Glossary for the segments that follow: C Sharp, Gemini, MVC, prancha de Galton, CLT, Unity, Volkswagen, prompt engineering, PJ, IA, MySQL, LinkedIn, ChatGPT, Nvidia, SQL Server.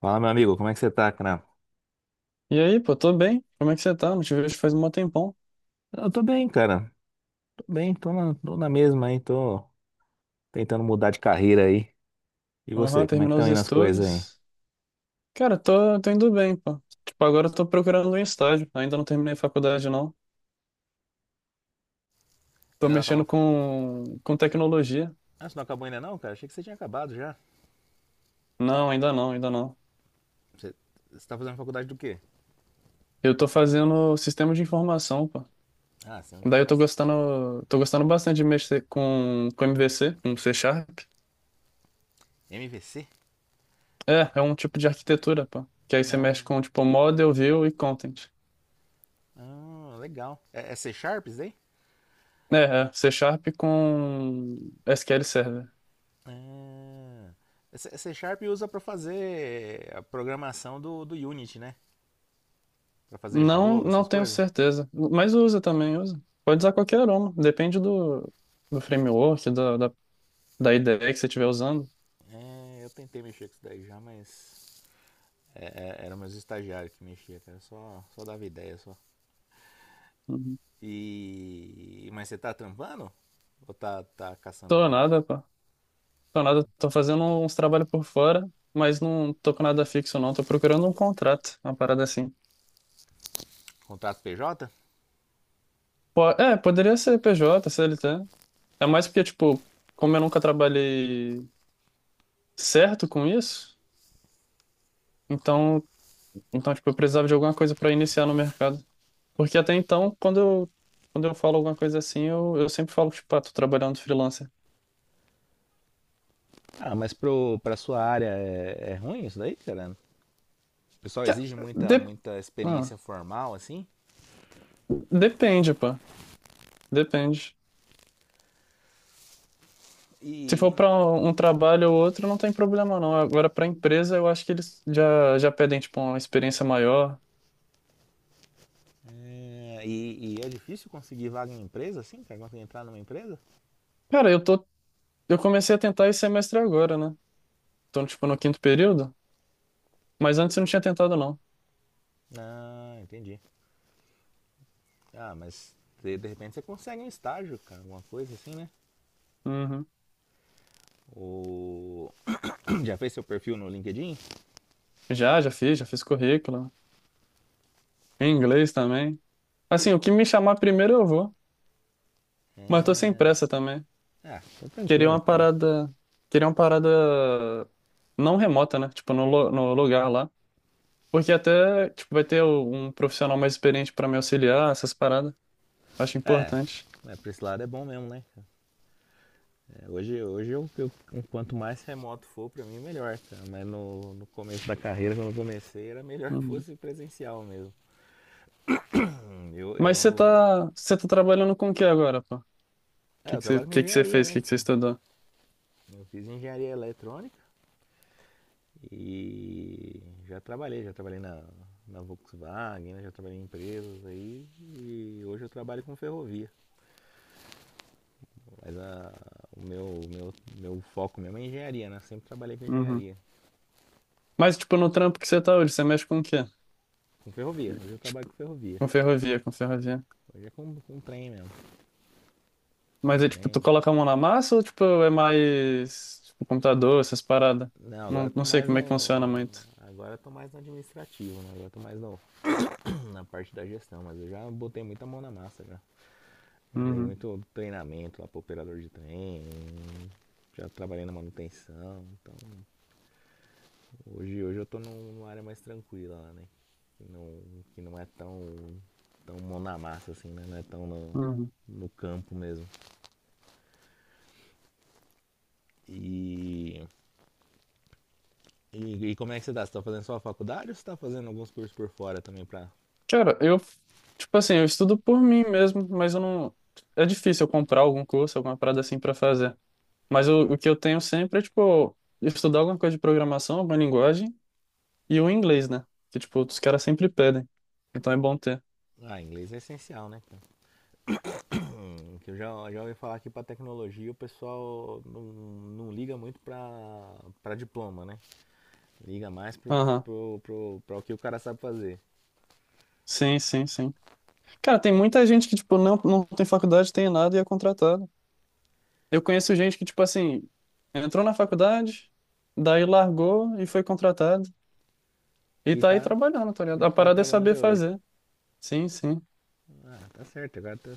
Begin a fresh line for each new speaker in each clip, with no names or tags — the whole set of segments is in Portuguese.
Fala, meu amigo, como é que você tá, cara?
E aí, pô, tô bem. Como é que você tá? Não te vejo faz um tempão.
Eu tô bem, cara. Tô bem, tô na mesma aí, tô tentando mudar de carreira aí. E você,
Aham,
como é que
terminou
estão
os
indo as coisas aí?
estudos. Cara, tô indo bem, pô. Tipo, agora eu tô procurando um estágio. Ainda não terminei faculdade, não. Tô
Ainda não
mexendo
acabou.
com
você-
tecnologia.
Ah, você não acabou ainda não, cara? Achei que você tinha acabado já.
Não, ainda não, ainda não.
Você, você tá fazendo faculdade do quê?
Eu tô fazendo sistema de informação, pô.
Ah, você é um de
Daí eu
formação.
tô gostando bastante de mexer com MVC, com C Sharp.
MVC?
É, é um tipo de arquitetura, pô. Que aí você mexe
Ah,
com, tipo, model, view e content.
ah, legal. É, é C Sharp isso daí?
É, C Sharp com SQL Server.
Ah, é C Sharp usa pra fazer a programação do, do Unity, né? Pra fazer
Não,
jogo,
não
essas
tenho
coisas.
certeza. Mas usa também, usa. Pode usar qualquer aroma. Depende do framework, da IDE que você estiver usando.
É, eu tentei mexer com isso daí já, mas. É, era meus estagiários que mexia, cara. Só dava ideia só.
Uhum.
E. Mas você tá trampando? Ou tá, tá
Tô
caçando
nada, pô. Tô nada. Tô fazendo uns trabalhos por fora, mas não tô com nada fixo, não. Tô procurando um contrato, uma parada assim.
contrato PJ?
É, poderia ser PJ, CLT. É mais porque, tipo, como eu nunca trabalhei certo com isso, então, então tipo, eu precisava de alguma coisa para iniciar no mercado. Porque até então, quando eu falo alguma coisa assim, eu sempre falo, tipo, ah, tô trabalhando freelancer.
Ah, pra sua área é, é ruim isso daí, cara? O pessoal
Que-
exige
ah,
muita,
de-
muita
ah,
experiência formal, assim.
depende, pô. Depende. Se for
E,
para um trabalho ou outro, não tem problema, não. Agora, para empresa, eu acho que eles já pedem, tipo, uma experiência maior.
e é difícil conseguir vaga em empresa, assim, cara? Conseguir entrar numa empresa?
Cara, eu tô, eu comecei a tentar esse semestre agora, né? Tô, tipo, no quinto período, mas antes eu não tinha tentado, não.
Ah, entendi. Ah, de repente você consegue um estágio, cara, alguma coisa assim, né?
Uhum.
Ou já fez seu perfil no LinkedIn?
Já fiz currículo. Em inglês também. Assim, o que me chamar primeiro eu vou, mas tô sem
É,
pressa também.
ah, tô
Queria
tranquilo
uma
então.
parada. Queria uma parada não remota, né? Tipo, no lugar lá. Porque até, tipo, vai ter um profissional mais experiente pra me auxiliar, essas paradas. Acho
É,
importante.
é, pra esse lado é bom mesmo, né? Cara? É, hoje hoje eu, quanto mais remoto for, pra mim melhor, cara. Mas no, no começo da carreira, quando eu comecei, era melhor que
Uhum.
fosse presencial mesmo. Hum, Eu,
Mas
eu,
você tá trabalhando com o que agora, pô? O
eu trabalho com
que que você
engenharia,
fez? O
né?
que que você
Cara?
estudou?
Eu fiz engenharia eletrônica e já trabalhei na Volkswagen, né? Já trabalhei em empresas aí e hoje eu trabalho com ferrovia. Mas a, o meu, meu, meu foco mesmo é engenharia, né? Eu sempre trabalhei com
Uhum.
engenharia.
Mas, tipo, no trampo que você tá hoje, você mexe com o quê?
Com ferrovia. Hoje eu trabalho
Tipo,
com ferrovia.
com ferrovia.
Hoje é com trem mesmo. Com
Mas é tipo,
trem.
tu coloca a mão na massa ou tipo, é mais tipo, computador, essas paradas?
Não, agora eu
Não,
tô
não sei
mais
como é que funciona
no.
muito.
Agora eu tô mais no administrativo, né? Agora eu tô mais no, Na parte da gestão, mas eu já botei muita mão na massa já. Já dei
Uhum,
muito treinamento lá pro operador de trem. Já trabalhei na manutenção. Então hoje eu tô numa área mais tranquila lá, né? Que não, que não é tão mão na massa assim, né? Não é tão no,
uhum.
no campo mesmo. E e como é que você tá? Você tá fazendo só a faculdade ou você tá fazendo alguns cursos por fora também pra.
Cara, eu, tipo assim, eu estudo por mim mesmo, mas eu não. É difícil eu comprar algum curso, alguma parada assim pra fazer. Mas o que eu tenho sempre é, tipo, estudar alguma coisa de programação, alguma linguagem e o inglês, né? Que, tipo, os caras sempre pedem. Então é bom ter.
Ah, inglês é essencial, né? Cara? Que eu já, já ouvi falar que pra tecnologia o pessoal não, não liga muito pra, pra diploma, né? Liga mais
Aham.
pro, pra o que o cara sabe fazer.
Sim, sim, sim. Cara, tem muita gente que, tipo, não tem faculdade, tem nada e é contratada. Eu conheço gente que, tipo assim, entrou na faculdade, daí largou e foi contratado. E
E
tá aí
tá,
trabalhando, tá ligado?
e
A
tá
parada é
trabalhando
saber
até hoje.
fazer. Sim, sim.
Ah, tá certo,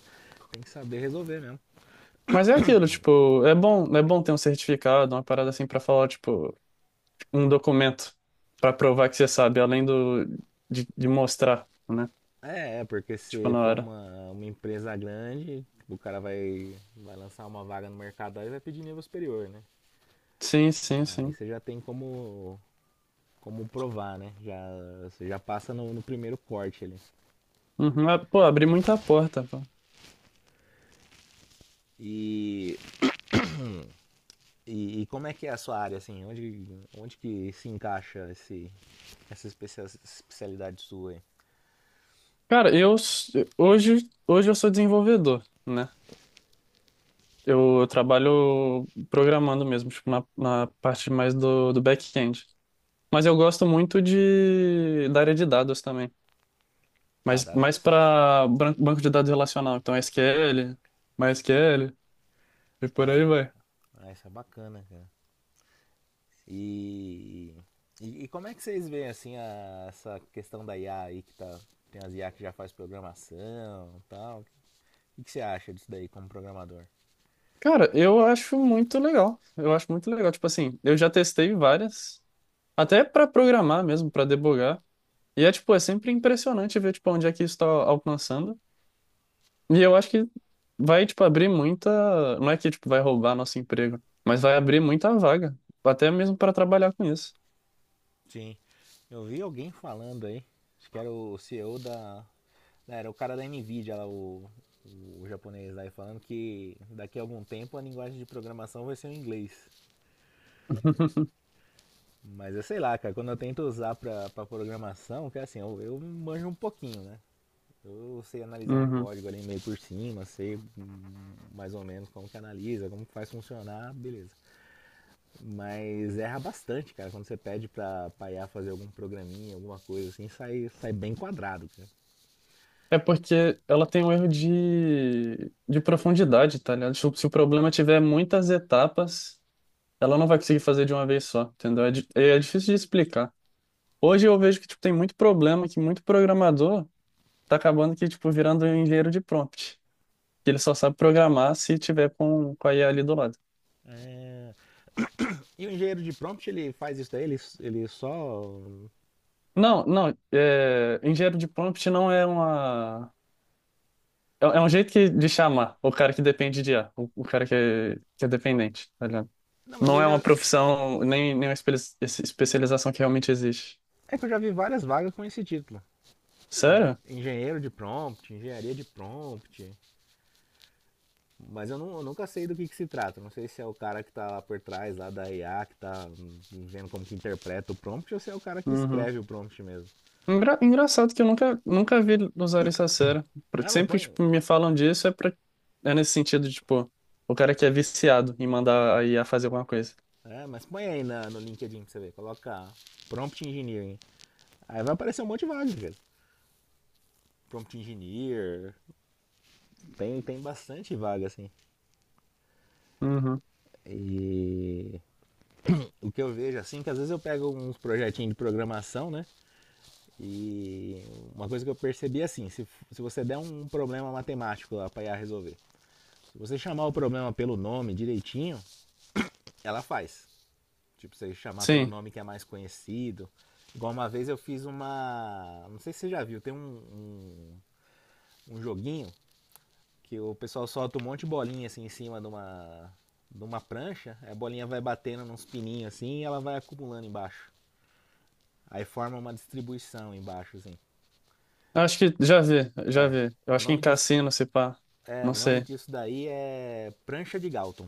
tem que saber resolver mesmo.
Mas é aquilo, tipo, é bom ter um certificado, uma parada assim pra falar, tipo, um documento pra provar que você sabe, além do de mostrar, né?
Porque
Tipo,
se
na
for
hora.
uma empresa grande, o cara vai, vai lançar uma vaga no mercado e vai pedir nível superior, né?
Sim, sim,
Aí
sim.
você já tem como provar, né? Já, você já passa no, no primeiro corte ali.
Uhum. Ah, pô, abri muita porta, pô.
E, e como é que é a sua área, assim? Onde, onde que se encaixa essa especialidade sua aí?
Cara, eu s- hoje, hoje eu sou desenvolvedor, né? Eu, trabalho programando mesmo, tipo, na parte mais do back-end. Mas eu gosto muito de, da área de dados também.
Ah,
Mas
dá.
mais para banco de dados relacional. Então, SQL, MySQL e por aí vai.
Ah, isso é bacana, cara. E, e como é que vocês veem, assim, essa questão da IA aí que tá... Tem as IA que já faz programação e tal. O que você acha disso daí como programador?
Cara, eu acho muito legal. Eu acho muito legal. Tipo assim, eu já testei várias, até para programar mesmo, para debugar. E é, tipo, é sempre impressionante ver, tipo, onde é que isso está alcançando. E eu acho que vai, tipo, abrir muita. Não é que, tipo, vai roubar nosso emprego, mas vai abrir muita vaga, até mesmo para trabalhar com isso.
Sim. Eu vi alguém falando aí, acho que era o CEO da. Não, era o cara da Nvidia lá, o japonês lá e falando que daqui a algum tempo a linguagem de programação vai ser o inglês. Mas eu sei lá, cara, quando eu tento usar pra, pra programação, que é assim, eu manjo um pouquinho, né? Eu sei analisar um
Uhum.
código ali meio por cima, sei mais ou menos como que analisa, como que faz funcionar, beleza. Mas erra bastante, cara, quando você pede pra, pra IA fazer algum programinha, alguma coisa assim, sai, sai bem quadrado, cara.
É porque ela tem um erro de profundidade, tá ligado? Tipo, se o problema tiver muitas etapas, ela não vai conseguir fazer de uma vez só, entendeu? É difícil de explicar. Hoje eu vejo que, tipo, tem muito problema, que muito programador tá acabando que, tipo, virando engenheiro de prompt. Que ele só sabe programar se tiver com a IA ali do lado.
É, e o engenheiro de prompt, ele faz isso daí, ele só.
Não, não, é, engenheiro de prompt não é uma. É, é um jeito que, de chamar o cara que depende de IA, o cara que é dependente, tá ligado?
Não, mas
Não
eu
é uma
já.
profissão, nem uma especialização que realmente existe.
É que eu já vi várias vagas com esse título.
Sério?
Engenheiro de prompt, engenharia de prompt. Mas eu, não eu nunca sei do que se trata. Não sei se é o cara que tá lá por trás, lá da IA, que tá vendo como que interpreta o prompt, ou se é o cara que
Uhum.
escreve o prompt mesmo.
Engraçado que eu nunca vi usar isso a sério.
Ah, mas
Sempre que
põe.
tipo, me falam disso é, pra, é nesse sentido, tipo, o cara que é viciado em mandar a IA fazer alguma coisa.
É, mas põe aí na, no LinkedIn pra você ver. Coloca prompt engineering. Aí vai aparecer um monte de vagas, cara. Prompt engineer. Tem, tem bastante vaga, assim.
Uhum.
E o que eu vejo, assim, que às vezes eu pego uns projetinhos de programação, né? E uma coisa que eu percebi, é assim, se você der um problema matemático lá pra IA resolver, se você chamar o problema pelo nome direitinho, ela faz. Tipo, você chamar pelo
Sim,
nome que é mais conhecido. Igual uma vez eu fiz uma. Não sei se você já viu, tem um um joguinho que o pessoal solta um monte de bolinha assim em cima de de uma prancha, a bolinha vai batendo nos pininhos assim e ela vai acumulando embaixo. Aí forma uma distribuição embaixo, assim.
acho que já vi, já
É,
vi. Eu
o
acho que em
nome disso,
cassino, se pá,
é,
não
o nome
sei.
disso daí é prancha de Galton.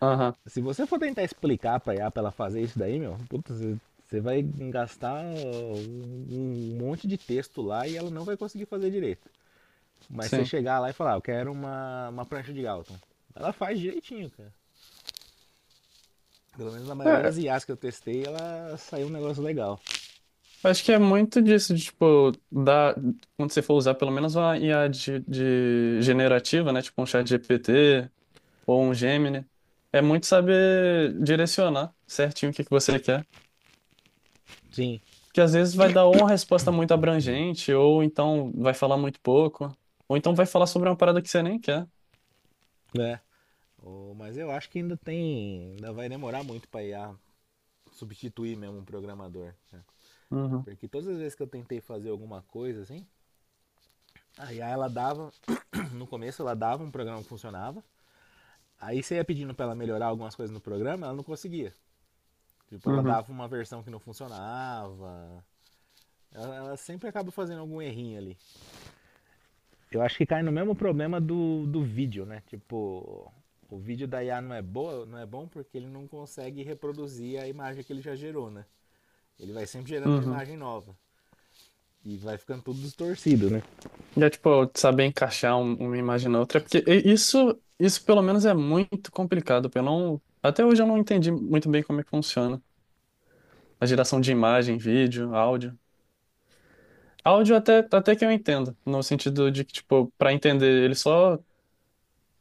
Aham,
Se você for tentar explicar pra IA pra ela fazer isso daí, meu, puta, vai gastar um monte de texto lá e ela não vai conseguir fazer direito. Mas você
sim.
chegar lá e falar, "Ah, eu quero uma prancha de Galton." Ela faz direitinho, cara. Pelo menos na maioria das
É,
IAs que eu testei, ela saiu um negócio legal.
acho que é muito disso, quando você for usar pelo menos uma IA de generativa, né? Tipo um chat GPT ou um Gemini, é muito saber direcionar certinho o que que você quer.
Sim,
Que às vezes vai dar ou uma resposta muito abrangente, ou então vai falar muito pouco, ou então vai falar sobre uma parada que você nem quer.
né? Oh, mas eu acho que ainda tem. Ainda vai demorar muito pra IA substituir mesmo um programador. Né?
Uhum,
Porque todas as vezes que eu tentei fazer alguma coisa assim, a IA ela dava. No começo ela dava um programa que funcionava. Aí você ia pedindo pra ela melhorar algumas coisas no programa, ela não conseguia. Tipo, ela
uhum,
dava uma versão que não funcionava. Ela sempre acaba fazendo algum errinho ali. Eu acho que cai no mesmo problema do, do vídeo, né? Tipo, o vídeo da IA não é boa, não é bom porque ele não consegue reproduzir a imagem que ele já gerou, né? Ele vai sempre gerando uma
uhum.
imagem nova e vai ficando tudo distorcido, né?
E é tipo, saber encaixar uma imagem na outra, porque isso, isso pelo menos é muito complicado. Porque eu não, até hoje eu não entendi muito bem como é que funciona. A geração de imagem, vídeo, áudio. Áudio até que eu entendo, no sentido de que, tipo, para entender,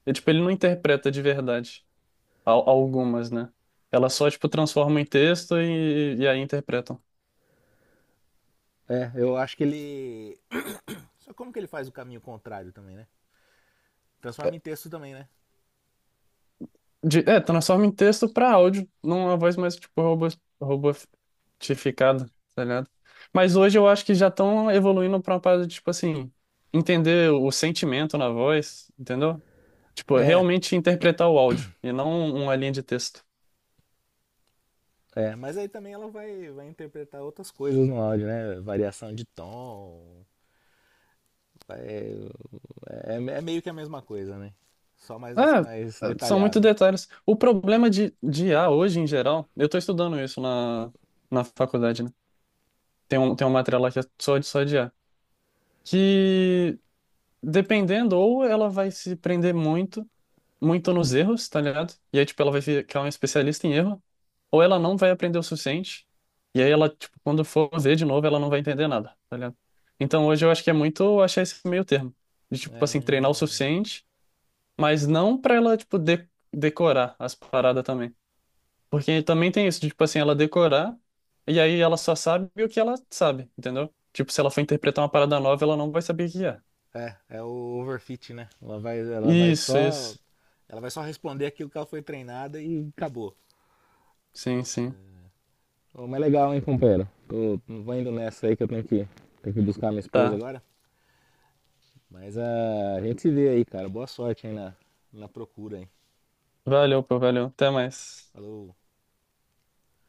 ele, tipo, ele não interpreta de verdade algumas, né? Ela só, tipo, transforma em texto e aí interpreta.
É, eu acho que ele só como que ele faz o caminho contrário também, né? Transforma em texto também, né?
É, transforma em texto pra áudio, numa voz mais tipo robô, robotificada, tá ligado? Mas hoje eu acho que já estão evoluindo pra uma parada de, tipo assim, entender o sentimento na voz, entendeu? Tipo,
É,
realmente interpretar o áudio e não uma linha de texto.
mas aí também ela vai, vai interpretar outras coisas no áudio, né? Variação de tom. É, é meio que a mesma coisa, né? Só mais, mais
É, é, são muito
detalhado.
detalhes. O problema de IA hoje, em geral, eu tô estudando isso na faculdade, né? Tem uma matéria lá que é só de IA. Que dependendo, ou ela vai se prender muito, muito nos erros, tá ligado? E aí, tipo, ela vai ver que ela é uma especialista em erro, ou ela não vai aprender o suficiente, e aí ela, tipo, quando for ver de novo, ela não vai entender nada, tá ligado? Então hoje eu acho que é muito achar esse meio termo, de, tipo, assim, treinar o
É...
suficiente, mas não pra ela, tipo, de decorar as paradas também. Porque também tem isso, de, tipo, assim, ela decorar, e aí ela só sabe o que ela sabe, entendeu? Tipo, se ela for interpretar uma parada nova, ela não vai saber o que é.
É, é o overfit, né? Ela vai
Isso,
só.
isso.
Ela vai só responder aquilo que ela foi treinada e acabou.
Sim, sim.
Ô, mas legal, hein, companheiro? Tô, vou indo nessa aí que eu tenho que buscar minha esposa
Tá.
agora. Mas ah, a gente se vê aí, cara. Boa sorte aí na, na procura, hein?
Valeu, pô, valeu. Até mais.
Falou.